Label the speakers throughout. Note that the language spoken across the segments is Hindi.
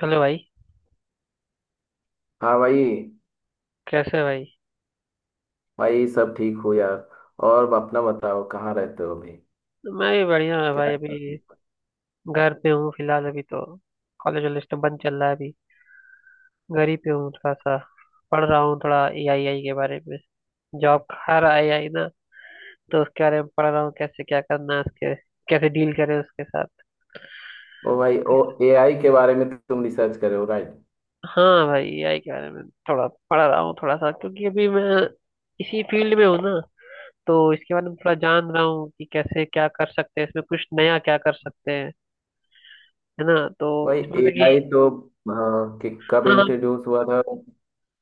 Speaker 1: हेलो भाई।
Speaker 2: हाँ भाई।
Speaker 1: कैसे है भाई।
Speaker 2: भाई सब ठीक हो यार? और अपना बताओ, कहाँ रहते हो अभी?
Speaker 1: मैं भी बढ़िया है भाई।
Speaker 2: क्या कर
Speaker 1: अभी
Speaker 2: रहे
Speaker 1: घर पे हूँ फिलहाल अभी तो। कॉलेज वॉलेज तो बंद चल रहा है अभी। घर ही पे हूँ थोड़ा सा। पढ़ रहा हूँ थोड़ा ए आई आई के बारे में। जॉब हर आई आई ना, तो उसके बारे में पढ़ रहा हूँ कैसे क्या करना है उसके, कैसे डील करें उसके साथ।
Speaker 2: हो? ओ भाई ओ, एआई के बारे में तो तुम रिसर्च कर रहे हो, राइट?
Speaker 1: हाँ भाई, ए आई के बारे में थोड़ा पढ़ रहा हूँ थोड़ा सा, क्योंकि अभी मैं इसी फील्ड में हूँ ना। तो इसके बारे में थोड़ा जान रहा हूँ कि कैसे क्या कर सकते हैं, इसमें कुछ नया क्या कर सकते हैं, है ना। तो
Speaker 2: भाई
Speaker 1: इसमें मतलब कि
Speaker 2: एआई तो हाँ, कि कब
Speaker 1: हाँ।
Speaker 2: इंट्रोड्यूस हुआ था?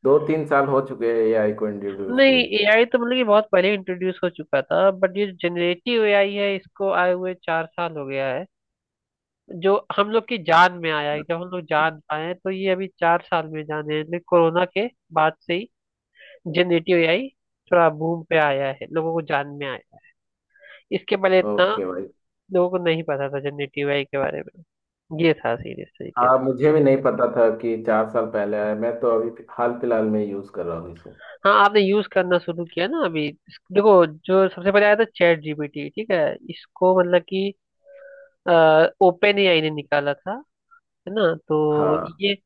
Speaker 2: दो तीन साल हो चुके हैं एआई को इंट्रोड्यूस
Speaker 1: नहीं,
Speaker 2: हुए।
Speaker 1: एआई तो मतलब कि बहुत पहले इंट्रोड्यूस हो चुका था, बट ये जनरेटिव एआई है, इसको आए हुए 4 साल हो गया है। जो हम लोग की जान में आया है, जब हम लोग जान पाए हैं, तो ये अभी 4 साल में जाने हैं, लेकिन कोरोना के बाद से ही जनरेटिव एआई थोड़ा बूम पे आया है, लोगों को जान में आया है। इसके पहले इतना
Speaker 2: ओके भाई।
Speaker 1: लोगों को नहीं पता था जनरेटिव एआई के बारे में, ये था सीरियस तरीके
Speaker 2: हाँ,
Speaker 1: से।
Speaker 2: मुझे भी नहीं पता था कि चार साल पहले आया। मैं तो अभी हाल फिलहाल में यूज कर रहा हूँ इसको।
Speaker 1: हाँ, आपने यूज करना शुरू किया ना अभी देखो, जो सबसे पहले आया था चैट जीपीटी, ठीक है, इसको मतलब कि ओपन एआई ने निकाला था, है ना। तो
Speaker 2: हाँ
Speaker 1: ये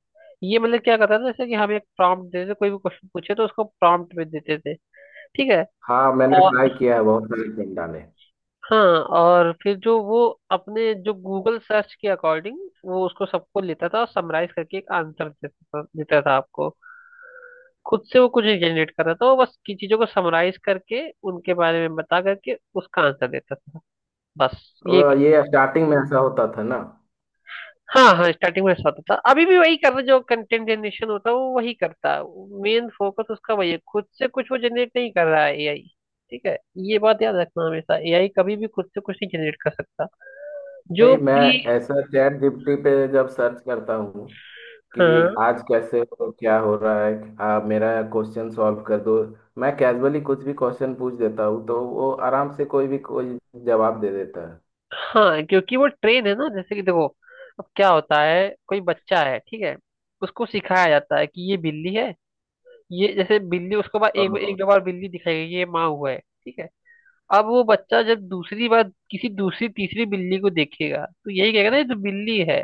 Speaker 1: ये मतलब क्या करता था, जैसे कि हम एक प्रॉम्प्ट देते थे, कोई भी क्वेश्चन पूछे तो उसको प्रॉम्प्ट में देते थे, ठीक है।
Speaker 2: हाँ, मैंने
Speaker 1: और
Speaker 2: ट्राई किया है बहुत सारे पिंडा ने।
Speaker 1: हाँ, और फिर जो वो अपने जो गूगल सर्च के अकॉर्डिंग, वो उसको सबको लेता था और समराइज करके एक आंसर देता था आपको। खुद से वो कुछ नहीं जनरेट कर रहा था, वो बस की चीजों को समराइज करके, उनके बारे में बता करके उसका आंसर देता था, बस ये।
Speaker 2: और ये स्टार्टिंग में ऐसा होता था ना?
Speaker 1: हाँ हाँ, स्टार्टिंग में साथ होता था, अभी भी वही कर रहा है, जो कंटेंट जनरेशन होता है वो वही करता है, मेन फोकस उसका वही है, खुद से कुछ वो जनरेट नहीं कर रहा है एआई, ठीक है। ये बात याद रखना, हमेशा एआई कभी भी खुद से कुछ नहीं जनरेट कर सकता। जो
Speaker 2: नहीं, मैं
Speaker 1: प्री,
Speaker 2: ऐसा चैट जीपीटी पे जब सर्च करता हूँ कि
Speaker 1: हाँ।
Speaker 2: आज कैसे हो, क्या हो रहा है, आप मेरा क्वेश्चन सॉल्व कर दो। मैं कैजुअली कुछ भी क्वेश्चन पूछ देता हूँ तो वो आराम से कोई भी कोई जवाब दे देता है।
Speaker 1: हाँ, क्योंकि वो ट्रेन है ना, जैसे कि देखो, अब क्या होता है, कोई बच्चा है ठीक है, उसको सिखाया जाता है कि ये बिल्ली है, ये जैसे बिल्ली उसको बाद एक
Speaker 2: हाँ
Speaker 1: एक 2 बार बिल्ली दिखाई गई, ये माँ हुआ है, ठीक है। अब वो बच्चा जब दूसरी बार किसी दूसरी तीसरी बिल्ली को देखेगा, तो यही कहेगा ना ये तो बिल्ली है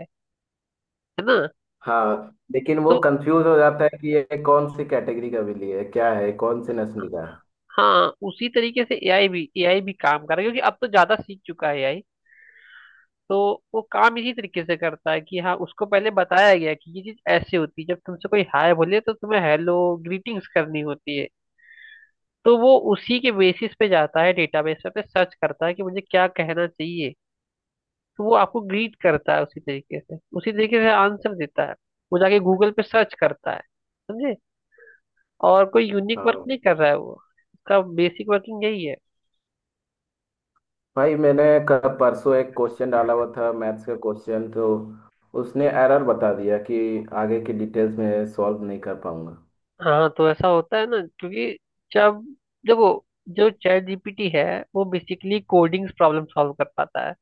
Speaker 1: है ना।
Speaker 2: हाँ, लेकिन वो
Speaker 1: तो
Speaker 2: कंफ्यूज हो जाता है कि ये कौन सी कैटेगरी का बिल्ली है, क्या है, कौन सी नस्ल का है।
Speaker 1: हाँ, उसी तरीके से एआई भी काम कर रहा है, क्योंकि अब तो ज्यादा सीख चुका है एआई। तो वो काम इसी तरीके से करता है कि हाँ, उसको पहले बताया गया कि ये चीज ऐसे होती है, जब तुमसे कोई हाय बोले तो तुम्हें हेलो ग्रीटिंग्स करनी होती है, तो वो उसी के बेसिस पे जाता है, डेटाबेस पे सर्च करता है कि मुझे क्या कहना चाहिए, तो वो आपको ग्रीट करता है उसी तरीके से, उसी तरीके से आंसर देता है, वो जाके गूगल पे सर्च करता है, समझे। और कोई यूनिक वर्क
Speaker 2: हाँ
Speaker 1: नहीं कर रहा है वो, उसका बेसिक वर्किंग यही है।
Speaker 2: भाई, मैंने कल परसों एक क्वेश्चन डाला हुआ था, मैथ्स का क्वेश्चन, तो उसने एरर बता दिया कि आगे की डिटेल्स में सॉल्व नहीं कर पाऊंगा।
Speaker 1: हाँ तो ऐसा होता है ना, क्योंकि जब देखो, जो चैट जीपीटी है वो बेसिकली कोडिंग्स प्रॉब्लम सॉल्व कर पाता है,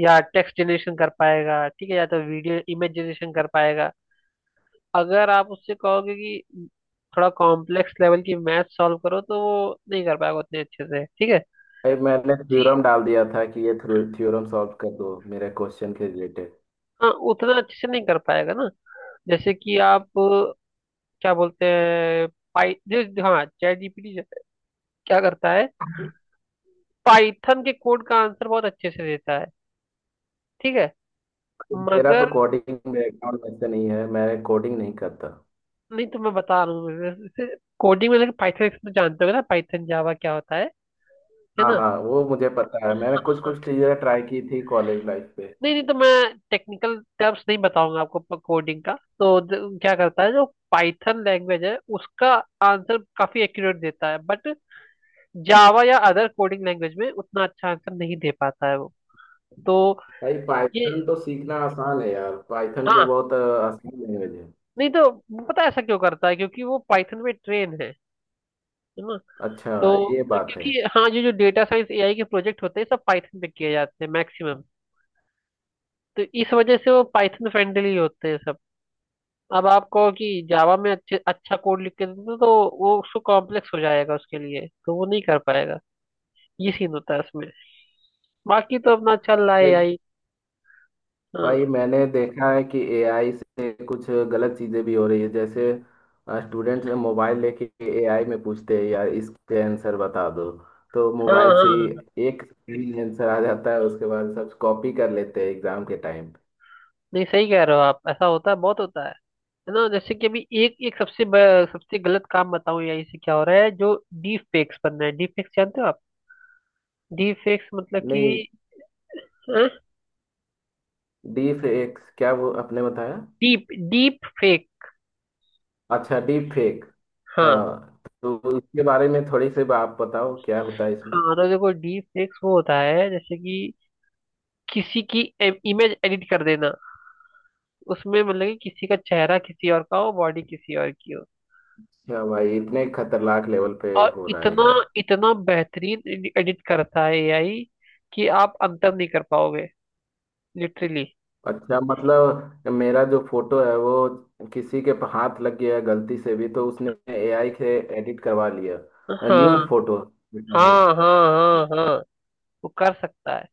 Speaker 1: या टेक्स्ट जनरेशन कर पाएगा, ठीक है, या तो वीडियो इमेज जनरेशन कर पाएगा। अगर आप उससे कहोगे कि थोड़ा कॉम्प्लेक्स लेवल की मैथ सॉल्व करो, तो वो नहीं कर पाएगा उतने अच्छे से, ठीक है।
Speaker 2: भाई मैंने थ्योरम डाल दिया था कि ये थ्योरम सॉल्व कर दो मेरे क्वेश्चन के रिलेटेड।
Speaker 1: हाँ उतना अच्छे से नहीं कर पाएगा ना, जैसे कि आप क्या बोलते हैं, पाई जो, हाँ चैट जीपीटी क्या करता है, पाइथन के कोड का आंसर बहुत अच्छे से देता है, ठीक है,
Speaker 2: मेरा तो
Speaker 1: मगर
Speaker 2: कोडिंग बैकग्राउंड वैसे नहीं है, मैं कोडिंग नहीं करता।
Speaker 1: नहीं, तो मैं बता रहा हूँ, कोडिंग में लेकिन पाइथन तो जानते होगे ना, पाइथन जावा क्या होता है
Speaker 2: हाँ
Speaker 1: ना।
Speaker 2: हाँ, वो मुझे पता है, मैंने कुछ कुछ चीज़ें ट्राई की थी कॉलेज लाइफ पे।
Speaker 1: नहीं नहीं, तो मैं टेक्निकल टर्म्स नहीं बताऊंगा आपको कोडिंग का, तो क्या करता है जो पाइथन लैंग्वेज है, उसका आंसर काफी एक्यूरेट देता है, बट जावा या अदर कोडिंग लैंग्वेज में उतना अच्छा आंसर नहीं दे पाता है वो। तो
Speaker 2: भाई
Speaker 1: ये
Speaker 2: पाइथन तो सीखना आसान है यार, पाइथन तो
Speaker 1: हाँ।
Speaker 2: बहुत आसान लैंग्वेज है।
Speaker 1: नहीं तो पता है ऐसा क्यों करता है, क्योंकि वो पाइथन में ट्रेन है ना।
Speaker 2: अच्छा,
Speaker 1: तो
Speaker 2: ये बात है।
Speaker 1: क्योंकि हाँ, ये जो डेटा साइंस एआई के प्रोजेक्ट होते हैं सब पाइथन पे किए जाते हैं मैक्सिमम, तो इस वजह से वो पाइथन फ्रेंडली होते हैं सब। अब आप कहो कि जावा में अच्छे अच्छा कोड लिख के दे दो, तो वो उसको कॉम्प्लेक्स हो जाएगा उसके लिए, तो वो नहीं कर पाएगा, ये सीन होता है उसमें। बाकी तो अपना चल रहा है
Speaker 2: भाई
Speaker 1: एआई।
Speaker 2: भाई
Speaker 1: हाँ
Speaker 2: मैंने देखा है कि एआई से कुछ गलत चीज़ें भी हो रही है। जैसे स्टूडेंट्स मोबाइल लेके एआई में पूछते हैं, यार इसके आंसर बता दो, तो
Speaker 1: हाँ
Speaker 2: मोबाइल से
Speaker 1: हाँ,
Speaker 2: ही एक सही आंसर आ जाता है। उसके बाद सब कॉपी कर लेते हैं एग्जाम के टाइम।
Speaker 1: नहीं सही कह रहे हो आप, ऐसा होता है, बहुत होता है ना। जैसे कि अभी एक एक सबसे सबसे गलत काम बताऊं या इससे क्या हो रहा है, जो डीप फेक्स बन रहा है, डीप फेक्स जानते हो आप? डीप फेक्स मतलब कि
Speaker 2: नहीं। डीप फेक क्या, वो आपने बताया।
Speaker 1: Deep deep fake.
Speaker 2: अच्छा, डीप फेक।
Speaker 1: हाँ
Speaker 2: हाँ तो इसके बारे में थोड़ी सी आप बताओ, क्या होता है इसमें?
Speaker 1: हाँ, तो देखो डीप फेक्स वो होता है जैसे कि किसी की इमेज एडिट कर देना, उसमें मतलब कि किसी का चेहरा किसी और का हो, बॉडी किसी और की हो,
Speaker 2: क्या भाई, इतने खतरनाक लेवल पे
Speaker 1: और
Speaker 2: हो रहा है
Speaker 1: इतना
Speaker 2: यार।
Speaker 1: इतना बेहतरीन एडिट करता है एआई कि आप अंतर नहीं कर पाओगे, लिटरली।
Speaker 2: अच्छा मतलब मेरा जो फोटो है वो किसी के हाथ लग गया है गलती से भी, तो उसने एआई से एडिट करवा लिया,
Speaker 1: हाँ
Speaker 2: न्यूड फोटो है।
Speaker 1: हाँ हाँ हाँ हाँ, वो कर सकता है।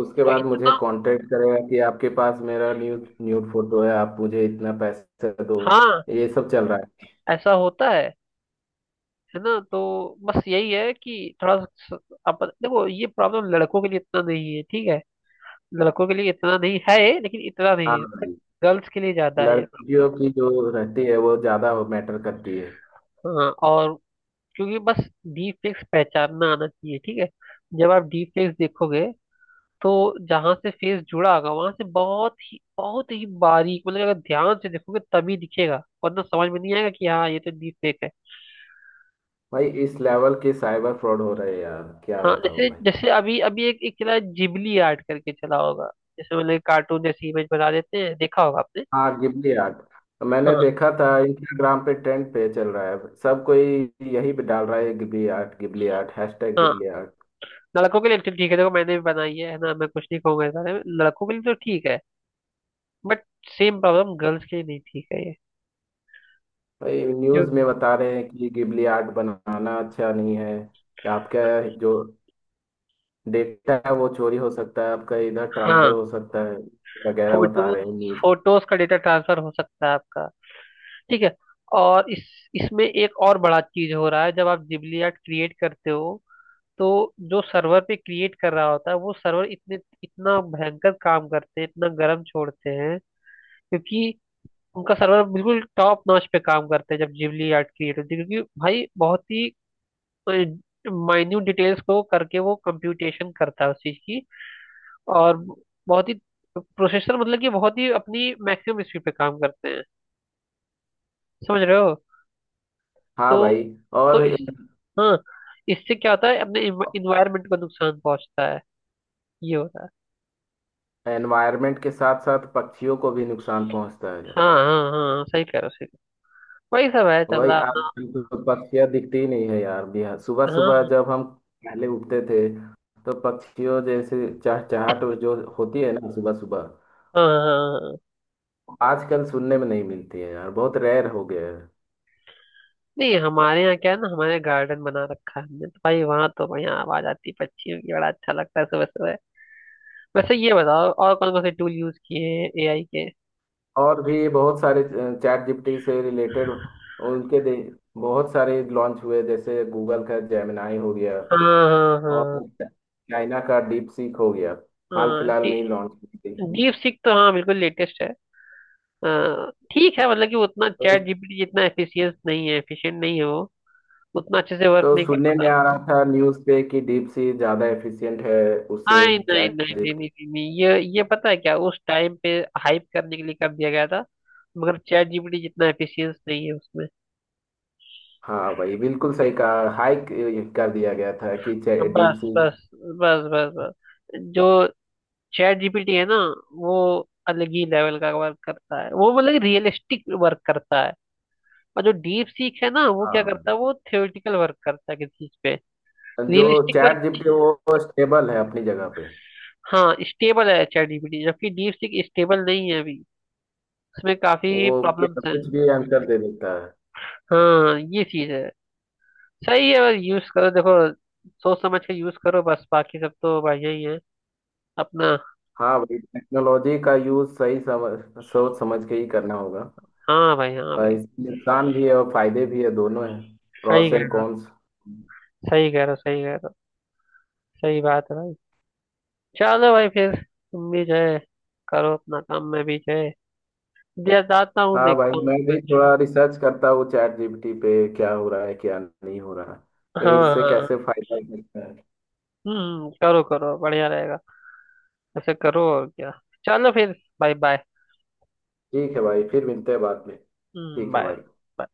Speaker 2: उसके
Speaker 1: और
Speaker 2: बाद मुझे
Speaker 1: इतना
Speaker 2: कांटेक्ट करेगा कि आपके पास मेरा न्यूड न्यूड फोटो है, आप मुझे इतना पैसे दो।
Speaker 1: हाँ,
Speaker 2: ये सब चल रहा है।
Speaker 1: ऐसा होता है ना। तो बस यही है कि थोड़ा सा अपन देखो, ये प्रॉब्लम लड़कों के लिए इतना नहीं है, ठीक है, लड़कों के लिए इतना नहीं है, लेकिन इतना नहीं
Speaker 2: हाँ
Speaker 1: है बट
Speaker 2: भाई।
Speaker 1: गर्ल्स के लिए ज्यादा है ये प्रॉब्लम।
Speaker 2: लड़कियों की जो रहती है वो ज्यादा मैटर करती है।
Speaker 1: हाँ और, क्योंकि बस डीप फेक्स पहचानना आना चाहिए, ठीक है। जब आप डीप फेक्स देखोगे तो जहां से फेस जुड़ा होगा वहां से बहुत ही बारीक, मतलब अगर ध्यान से देखोगे तभी दिखेगा, वरना समझ में नहीं आएगा कि हाँ ये तो डीप फेक है।
Speaker 2: भाई इस लेवल के साइबर फ्रॉड हो रहे हैं यार, क्या
Speaker 1: हाँ
Speaker 2: बताऊं
Speaker 1: जैसे
Speaker 2: भाई।
Speaker 1: जैसे अभी अभी एक एक चला है, जिबली आर्ट करके चला होगा, जैसे मतलब कार्टून जैसी इमेज बना देते हैं, देखा होगा आपने।
Speaker 2: हाँ गिबली आर्ट, मैंने
Speaker 1: हाँ
Speaker 2: देखा था इंस्टाग्राम पे, ट्रेंड पे चल रहा है। सब कोई यही पे डाल रहा है, Ghibli art, Ghibli art, hashtag
Speaker 1: हाँ,
Speaker 2: गिबली आर्ट।
Speaker 1: लड़कों के लिए तो ठीक है, देखो मैंने भी बनाई है ना, मैं कुछ नहीं कहूंगा इस बारे में, लड़कों के लिए तो ठीक है, बट सेम प्रॉब्लम गर्ल्स के लिए, नहीं ठीक है ये।
Speaker 2: भाई
Speaker 1: क्यों?
Speaker 2: न्यूज़ में बता रहे हैं कि गिबली आर्ट बनाना अच्छा नहीं है, कि आपका जो डेटा है वो चोरी हो सकता है, आपका इधर ट्रांसफर
Speaker 1: हाँ,
Speaker 2: हो सकता है वगैरह, बता रहे
Speaker 1: फोटोज
Speaker 2: हैं न्यूज़।
Speaker 1: फोटोज का डेटा ट्रांसफर हो सकता है आपका, ठीक है। और इस, इसमें एक और बड़ा चीज हो रहा है, जब आप जिबली आर्ट क्रिएट करते हो, तो जो सर्वर पे क्रिएट कर रहा होता है, वो सर्वर इतने, इतना भयंकर काम करते हैं, इतना गर्म छोड़ते हैं, क्योंकि उनका सर्वर बिल्कुल टॉप नॉच पे काम करते हैं जब जिबली आर्ट क्रिएट होती है, क्योंकि भाई बहुत ही माइन्यूट डिटेल्स को करके वो कंप्यूटेशन करता है उस चीज की, और बहुत ही प्रोसेसर मतलब कि बहुत ही अपनी मैक्सिमम स्पीड पे काम करते हैं, समझ रहे हो।
Speaker 2: हाँ
Speaker 1: तो
Speaker 2: भाई।
Speaker 1: तो
Speaker 2: और
Speaker 1: इस हाँ, इससे क्या होता है, अपने इन्वायरमेंट को नुकसान पहुंचता है, ये होता है।
Speaker 2: एनवायरनमेंट के साथ साथ पक्षियों को भी नुकसान पहुंचता है।
Speaker 1: हाँ हाँ हाँ, सही कह रहे हो, सही कह रहे हो। वही सब है चल
Speaker 2: वही,
Speaker 1: रहा
Speaker 2: आज
Speaker 1: अपना।
Speaker 2: हमको पक्षियाँ दिखती ही नहीं है यार। बिहार सुबह सुबह
Speaker 1: हाँ
Speaker 2: जब हम पहले उठते थे तो पक्षियों जैसे चहचहाट जो होती है ना सुबह सुबह,
Speaker 1: हाँ हाँ हाँ।
Speaker 2: आजकल सुनने में नहीं मिलती है यार, बहुत रेयर हो गया है।
Speaker 1: नहीं, हमारे यहाँ क्या है ना, हमारे गार्डन बना रखा है हमने, तो भाई वहाँ तो बढ़िया आवाज आती है पक्षियों की, बड़ा अच्छा लगता है सुबह सुबह। वैसे ये बताओ, और कौन कौन से टूल यूज किए हैं एआई के?
Speaker 2: और भी बहुत सारे चैट जीपीटी से रिलेटेड उनके दे, बहुत सारे लॉन्च हुए। जैसे गूगल का जेमिनाई हो गया,
Speaker 1: हाँ हाँ।
Speaker 2: और
Speaker 1: हाँ
Speaker 2: चाइना का डीप सीक हो गया, हाल
Speaker 1: हाँ।
Speaker 2: फिलहाल में ही लॉन्च हुई थी।
Speaker 1: डीप सीक तो हाँ बिल्कुल लेटेस्ट है। हाँ, ठीक है, मतलब कि वो उतना
Speaker 2: तो
Speaker 1: चैट जीपीटी जितना एफिशिएंट नहीं है वो, उतना अच्छे से
Speaker 2: तो
Speaker 1: वर्क नहीं
Speaker 2: सुनने में आ रहा था न्यूज़ पे कि डीप सी ज़्यादा एफिशिएंट है उससे
Speaker 1: नहीं नहीं
Speaker 2: चैट
Speaker 1: नहीं नहीं
Speaker 2: जीपीटी।
Speaker 1: नहीं नहीं नहीं, ये पता है क्या, उस टाइम पे हाइप करने के लिए कर दिया गया था, मगर चैट जीपीटी जितना एफिशिएंस नहीं है उसमें।
Speaker 2: हाँ भाई बिल्कुल सही कहा, हाइक कर दिया गया था कि डीप
Speaker 1: बस
Speaker 2: सी।
Speaker 1: बस बस बस बस जो चैट जीपीटी है ना, वो अलग ही लेवल का वर्क करता है वो, मतलब रियलिस्टिक वर्क करता है, और जो डीप सीख है ना, वो
Speaker 2: हाँ
Speaker 1: क्या करता
Speaker 2: भाई।
Speaker 1: है, वो थ्योरेटिकल वर्क करता है किसी चीज पे।
Speaker 2: जो
Speaker 1: रियलिस्टिक वर्क।
Speaker 2: चैट जीपीटी, वो स्टेबल है अपनी जगह पे।
Speaker 1: हाँ स्टेबल है चैट जीपीटी, जबकि डीप सीख स्टेबल नहीं है अभी, उसमें काफी
Speaker 2: वो क्या-
Speaker 1: प्रॉब्लम्स हैं।
Speaker 2: कुछ भी आंसर दे देता है।
Speaker 1: हाँ ये चीज है, सही है, बस यूज करो, देखो सोच समझ के यूज करो बस, बाकी सब तो भाई यही है अपना।
Speaker 2: हाँ भाई टेक्नोलॉजी का यूज़ सही समझ सोच समझ के ही करना होगा।
Speaker 1: हाँ भाई, हाँ भाई,
Speaker 2: इसके नुकसान भी है और फायदे भी है, दोनों है।
Speaker 1: सही
Speaker 2: प्रॉस
Speaker 1: कह
Speaker 2: एंड
Speaker 1: रहे-
Speaker 2: कॉन्स।
Speaker 1: सही कह रहे हो, सही कह रहे हो, सही बात है भाई। चलो भाई, फिर तुम भी जो है करो अपना काम, मैं भी जो है जाता हूँ,
Speaker 2: हाँ भाई,
Speaker 1: देखता हूँ
Speaker 2: मैं भी
Speaker 1: कुछ।
Speaker 2: थोड़ा रिसर्च करता हूँ चैट जीपीटी पे, क्या हो रहा है क्या नहीं हो रहा है,
Speaker 1: हाँ
Speaker 2: इससे
Speaker 1: हाँ।
Speaker 2: कैसे फायदा मिलता है।
Speaker 1: हम्म, करो करो, बढ़िया रहेगा, ऐसे करो, और क्या। चलो फिर, बाय बाय।
Speaker 2: ठीक है भाई, फिर मिलते हैं बाद में,
Speaker 1: हम्म,
Speaker 2: ठीक है भाई।
Speaker 1: बाय।